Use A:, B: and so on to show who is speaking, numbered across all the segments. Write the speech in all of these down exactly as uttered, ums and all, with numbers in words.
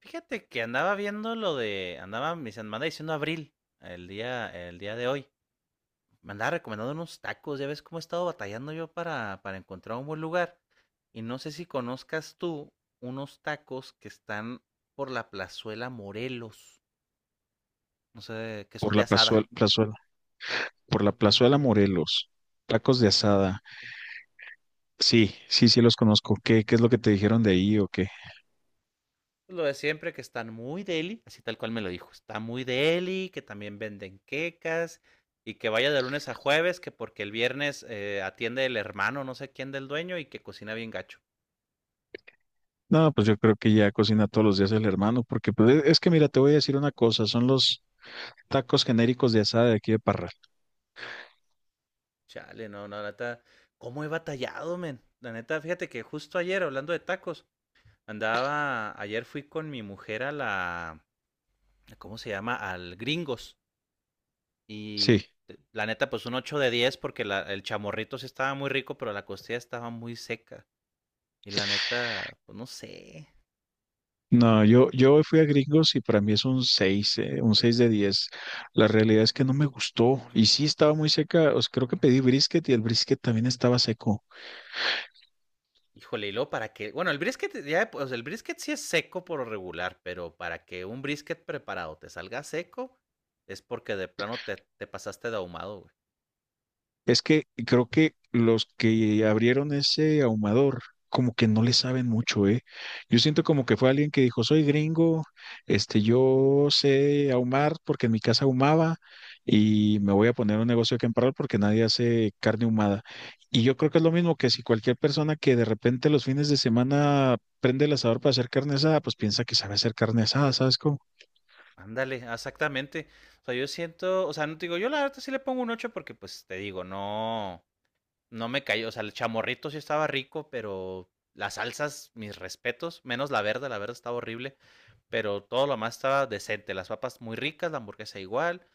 A: Fíjate que andaba viendo lo de, andaba, me se- me anda diciendo Abril, el día, el día de hoy. Me andaba recomendando unos tacos, ya ves cómo he estado batallando yo para, para encontrar un buen lugar. Y no sé si conozcas tú unos tacos que están por la plazuela Morelos, no sé, que son
B: Por
A: de
B: la
A: asada.
B: plazuela, plazuela- por la plazuela Morelos. Tacos de asada. Sí, sí, sí los conozco. ¿Qué, qué es lo que te dijeron de ahí o qué?
A: Lo de siempre, que están muy deli, así tal cual me lo dijo, está muy deli, que también venden quecas, y que vaya de lunes a jueves, que porque el viernes eh, atiende el hermano, no sé quién del dueño, y que cocina bien gacho.
B: No, pues yo creo que ya cocina todos los días el hermano, porque pues, e, es que mira, te voy a decir una cosa, son los tacos genéricos de asada de aquí de Parral.
A: Chale, no, no, la neta, ¿cómo he batallado, men? La neta, fíjate que justo ayer, hablando de tacos, andaba, ayer fui con mi mujer a la, ¿cómo se llama? Al Gringos. Y
B: Sí.
A: eh, la neta, pues un ocho de diez porque la- el chamorrito sí estaba muy rico, pero la costilla estaba muy seca. Y la neta, pues no sé.
B: No, yo, yo fui a Gringos y para mí es un seis eh, un seis de diez. La realidad es que no me gustó y sí estaba muy seca, o sea, creo que pedí brisket y el brisket también estaba seco.
A: Híjole, y luego para que, bueno, el brisket ya, pues el brisket sí es seco por lo regular, pero para que un brisket preparado te salga seco es porque de plano te, te pasaste de ahumado, güey.
B: Es que creo que los que abrieron ese ahumador, como que no le saben mucho, ¿eh? Yo siento como que fue alguien que dijo, soy gringo, este, yo sé ahumar porque en mi casa ahumaba y me voy a poner un negocio aquí en Parral porque nadie hace carne ahumada. Y yo creo que es lo mismo que si cualquier persona que de repente los fines de semana prende el asador para hacer carne asada, pues piensa que sabe hacer carne asada, ¿sabes cómo?
A: Ándale, exactamente. O sea, yo siento, o sea, no te digo, yo la verdad sí le pongo un ocho porque pues te digo, no, no me cayó, o sea, el chamorrito sí estaba rico, pero las salsas, mis respetos, menos la verde, la verde estaba horrible, pero todo lo más estaba decente, las papas muy ricas, la hamburguesa igual,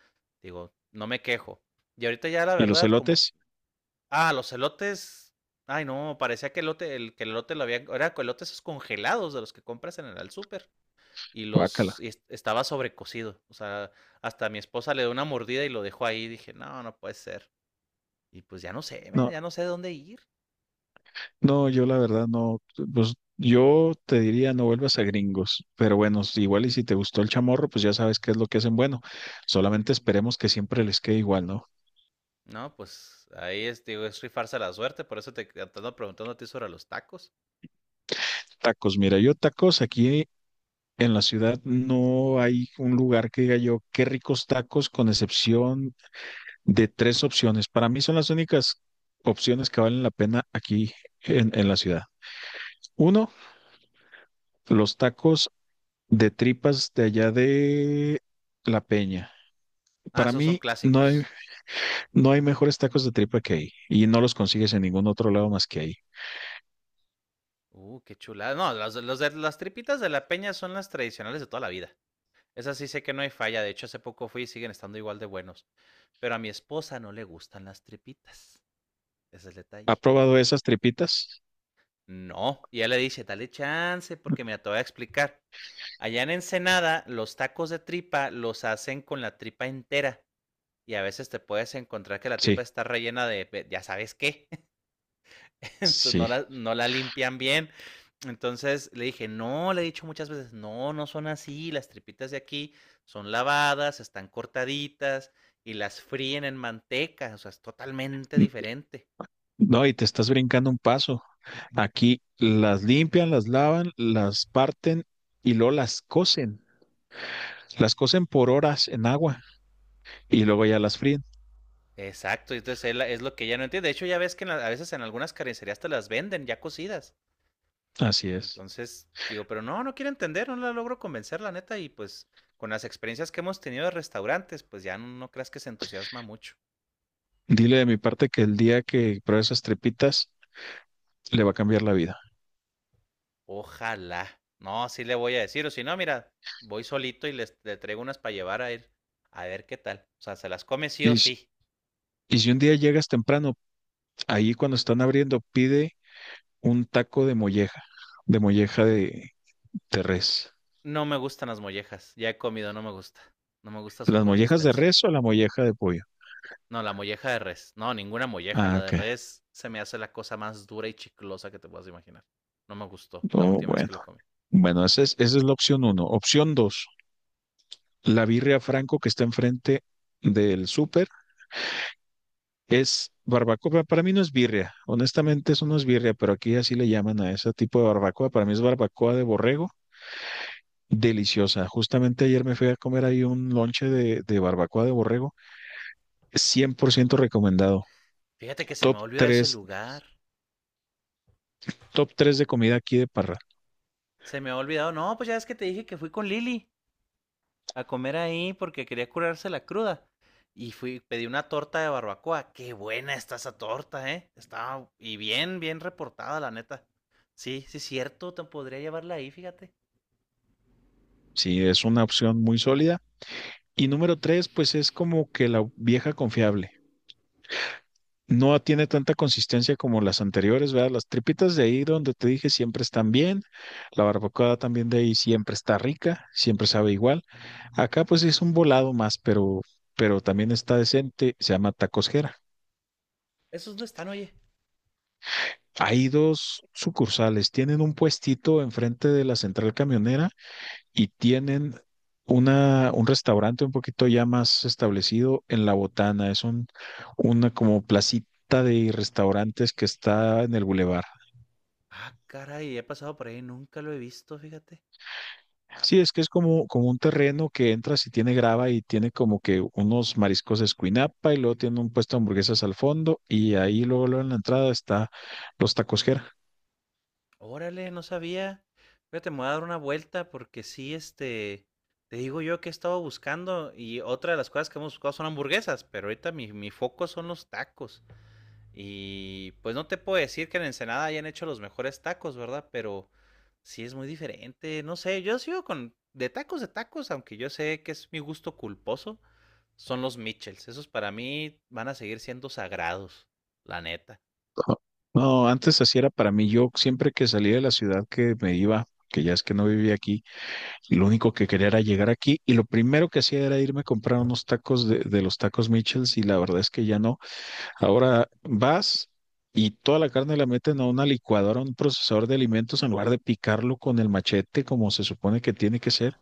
A: digo, no me quejo. Y ahorita ya la
B: Y los
A: verdad, como,
B: elotes,
A: ah, los elotes, ay no, parecía que elote, el, que el elote lo había, era con elotes esos congelados de los que compras en el al súper y los
B: guácala.
A: y est- estaba sobrecocido. O sea, hasta mi esposa le dio una mordida y lo dejó ahí. Dije, no, no puede ser. Y pues ya no sé, men,
B: No,
A: ya no sé dónde ir.
B: no, yo la verdad no, pues yo te diría no vuelvas a Gringos, pero bueno, si- igual y si te gustó el chamorro, pues ya sabes qué es lo que hacen bueno. Solamente esperemos que siempre les quede igual, ¿no?
A: No, pues ahí es, digo, es rifarse la suerte. Por eso te te ando preguntando a ti sobre los tacos.
B: Tacos, mira, yo tacos aquí en la ciudad no hay un lugar que diga yo qué ricos tacos, con excepción de tres opciones. Para mí son las únicas opciones que valen la pena aquí en, en la ciudad. Uno, los tacos de tripas de allá de La Peña.
A: Ah,
B: Para
A: esos son
B: mí no hay.
A: clásicos.
B: No hay mejores tacos de tripa que ahí y no los consigues en ningún otro lado más que ahí.
A: Uh, qué chulada. No, las, los de- las tripitas de la peña son las tradicionales de toda la vida. Esas sí sé que no hay falla. De hecho, hace poco fui y siguen estando igual de buenos. Pero a mi esposa no le gustan las tripitas. Ese es el
B: ¿Ha
A: detalle.
B: probado esas tripitas?
A: No, y ella le dice, dale chance, porque mira, te voy a explicar. Allá en Ensenada, los tacos de tripa los hacen con la tripa entera. Y a veces te puedes encontrar que la tripa
B: Sí,
A: está rellena de, de- ya sabes qué. Entonces no
B: sí.
A: la, no la limpian bien. Entonces le dije, no, le he dicho muchas veces, no, no son así. Las tripitas de aquí son lavadas, están cortaditas y las fríen en manteca. O sea, es totalmente
B: N-.
A: diferente.
B: No, y te estás brincando un paso. Aquí las limpian, las lavan, las parten y luego las cocen. Las cocen por horas en agua y luego ya las fríen.
A: Exacto, entonces él- es lo que ella no entiende. De hecho, ya ves que en la- a veces en algunas carnicerías te las venden ya cocidas.
B: Así es.
A: Entonces, digo, pero no, no quiere entender, no la logro convencer, la neta. Y pues con las experiencias que hemos tenido de restaurantes, pues ya no, no creas que se entusiasma mucho.
B: Dile de mi parte que el día que pruebe esas tripitas le va a cambiar la vida.
A: Ojalá. No, sí le voy a decir, o si no, mira, voy solito y les, le traigo unas para llevar a él. A ver qué tal. O sea, se las come sí o
B: Y si,
A: sí.
B: y si un día llegas temprano, ahí cuando están abriendo, pide un taco de molleja, de molleja de, de res.
A: No me gustan las mollejas. Ya he comido, no me gusta. No me gusta su
B: ¿Las mollejas de
A: consistencia.
B: res o la molleja de pollo?
A: No, la molleja de res. No, ninguna molleja.
B: Ah,
A: La de
B: ok.
A: res se me hace la cosa más dura y chiclosa que te puedas imaginar. No me gustó la
B: Oh,
A: última vez
B: bueno.
A: que lo comí.
B: Bueno, esa es, esa es la opción uno. Opción dos, la birria Franco que está enfrente del súper es barbacoa. Para mí no es birria. Honestamente, eso no es birria, pero aquí así le llaman a ese tipo de barbacoa. Para mí es barbacoa de borrego. Deliciosa. Justamente ayer me fui a comer ahí un lonche de, de barbacoa de borrego. cien por
A: Ujú.
B: ciento recomendado.
A: Fíjate que se me
B: Top
A: olvidó ese
B: tres
A: lugar.
B: top tres de comida aquí de Parra.
A: Se me ha olvidado. No, pues ya es que te dije que fui con Lili a comer ahí porque quería curarse la cruda. Y fui, pedí una torta de barbacoa. Qué buena está esa torta, ¿eh? Estaba y bien, bien reportada, la neta. Sí, sí, cierto, te podría llevarla ahí, fíjate.
B: Sí, es una opción muy sólida. Y número tres, pues es como que la vieja confiable. No tiene tanta consistencia como las anteriores, ¿verdad? Las tripitas de ahí donde te dije siempre están bien, la barbacoa también de ahí siempre está rica, siempre sabe igual. Acá pues es un volado más, pero, pero también está decente, se llama Tacos Jera.
A: ¿Esos dónde están, oye?
B: Hay dos sucursales, tienen un puestito enfrente de la central camionera y tienen una, un restaurante un poquito ya más establecido en La Botana. Es un, una como placita de restaurantes que está en el bulevar.
A: Ah, caray, he pasado por ahí, nunca lo he visto, fíjate.
B: Sí, es que es como, como un terreno que entras y tiene grava y tiene como que unos mariscos de Escuinapa y luego tiene un puesto de hamburguesas al fondo y ahí luego, luego en la entrada está los tacos Jera.
A: Órale, no sabía. Fíjate, me voy a dar una vuelta porque sí, este, te digo yo que he estado buscando y otra de las cosas que hemos buscado son hamburguesas, pero ahorita mi, mi foco son los tacos. Y pues no te puedo decir que en Ensenada hayan hecho los mejores tacos, ¿verdad? Pero sí es muy diferente, no sé, yo sigo con de tacos de tacos, aunque yo sé que es mi gusto culposo, son los Mitchells. Esos para mí van a seguir siendo sagrados, la neta.
B: No, no, antes así era para mí. Yo siempre que salía de la ciudad que me iba, que ya es que no vivía aquí, lo único que quería era llegar aquí y lo primero que hacía era irme a comprar unos tacos de, de los tacos Michels y la verdad es que ya no. Ahora vas y toda la carne la meten a una licuadora, a un procesador de alimentos en lugar de picarlo con el machete como se supone que tiene que ser.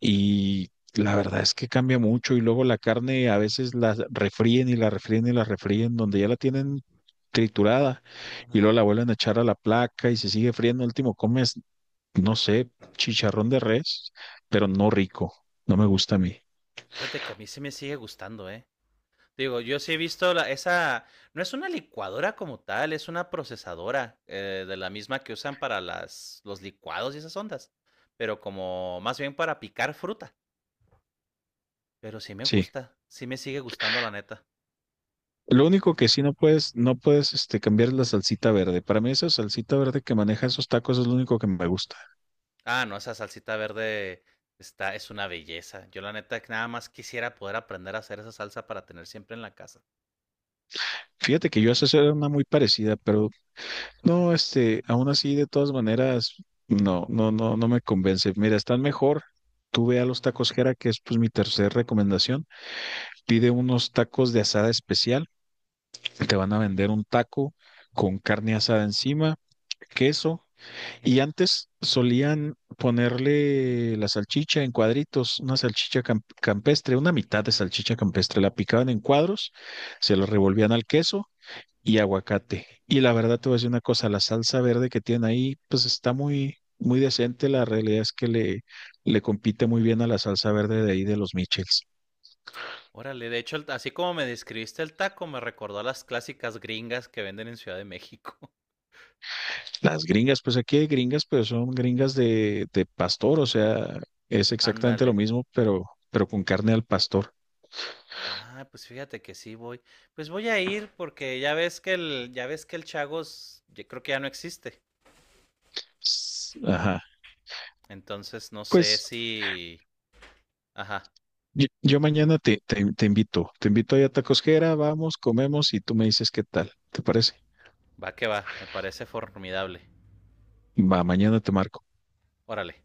B: Y la verdad es que cambia mucho y luego la carne a veces la refríen y la refríen y la refríen donde ya la tienen triturada y luego la vuelven a echar a la placa y se sigue friendo. Al último comes no sé, chicharrón de res, pero no rico. No me gusta a mí.
A: Fíjate que a mí se me sigue gustando, ¿eh? Digo, yo sí he visto la, esa, no es una licuadora como tal, es una procesadora eh, de la misma que usan para las, los licuados y esas ondas, pero como más bien para picar fruta. Pero sí me
B: Sí.
A: gusta, sí me sigue gustando la neta.
B: Lo único que sí no puedes, no puedes, este, cambiar es la salsita verde. Para mí esa salsita verde que maneja esos tacos es lo único que me gusta.
A: Ah, no, esa salsita verde está, es una belleza. Yo la neta que nada más quisiera poder aprender a hacer esa salsa para tener siempre en la casa.
B: Fíjate que yo hace era una muy parecida, pero no, este, aún así, de todas maneras, no, no, no, no me convence. Mira, están mejor. Tú ve a los tacos Jera, que es pues mi tercera recomendación. Pide unos tacos de asada especial. Te van a
A: Ujú.
B: vender un taco con carne asada encima, queso. Y antes solían ponerle la salchicha en cuadritos, una salchicha cam- campestre, una mitad de salchicha campestre. La picaban en cuadros, se la revolvían al queso y aguacate. Y la verdad te voy a decir una cosa, la salsa verde que tienen ahí, pues está muy, muy decente. La realidad es que le, le compite muy bien a la salsa verde de ahí de los Michels.
A: Órale, de hecho, el- así como me describiste el taco, me recordó a las clásicas gringas que venden en Ciudad de México.
B: Las gringas, pues aquí hay gringas, pero son gringas de, de pastor, o sea, es exactamente lo
A: Ándale.
B: mismo, pero, pero con carne al pastor.
A: Ah, pues fíjate que sí voy. Pues voy a ir porque ya ves que el, ya ves que el Chagos, yo creo que ya no existe.
B: S-. Ajá.
A: Entonces no sé
B: Pues
A: si... Ajá,
B: yo, yo mañana te, te, te invito, te invito ahí a Tacosquera, vamos, comemos y tú me dices qué tal, ¿te parece?
A: va que va, me parece formidable.
B: Va, mañana te marco.
A: Órale.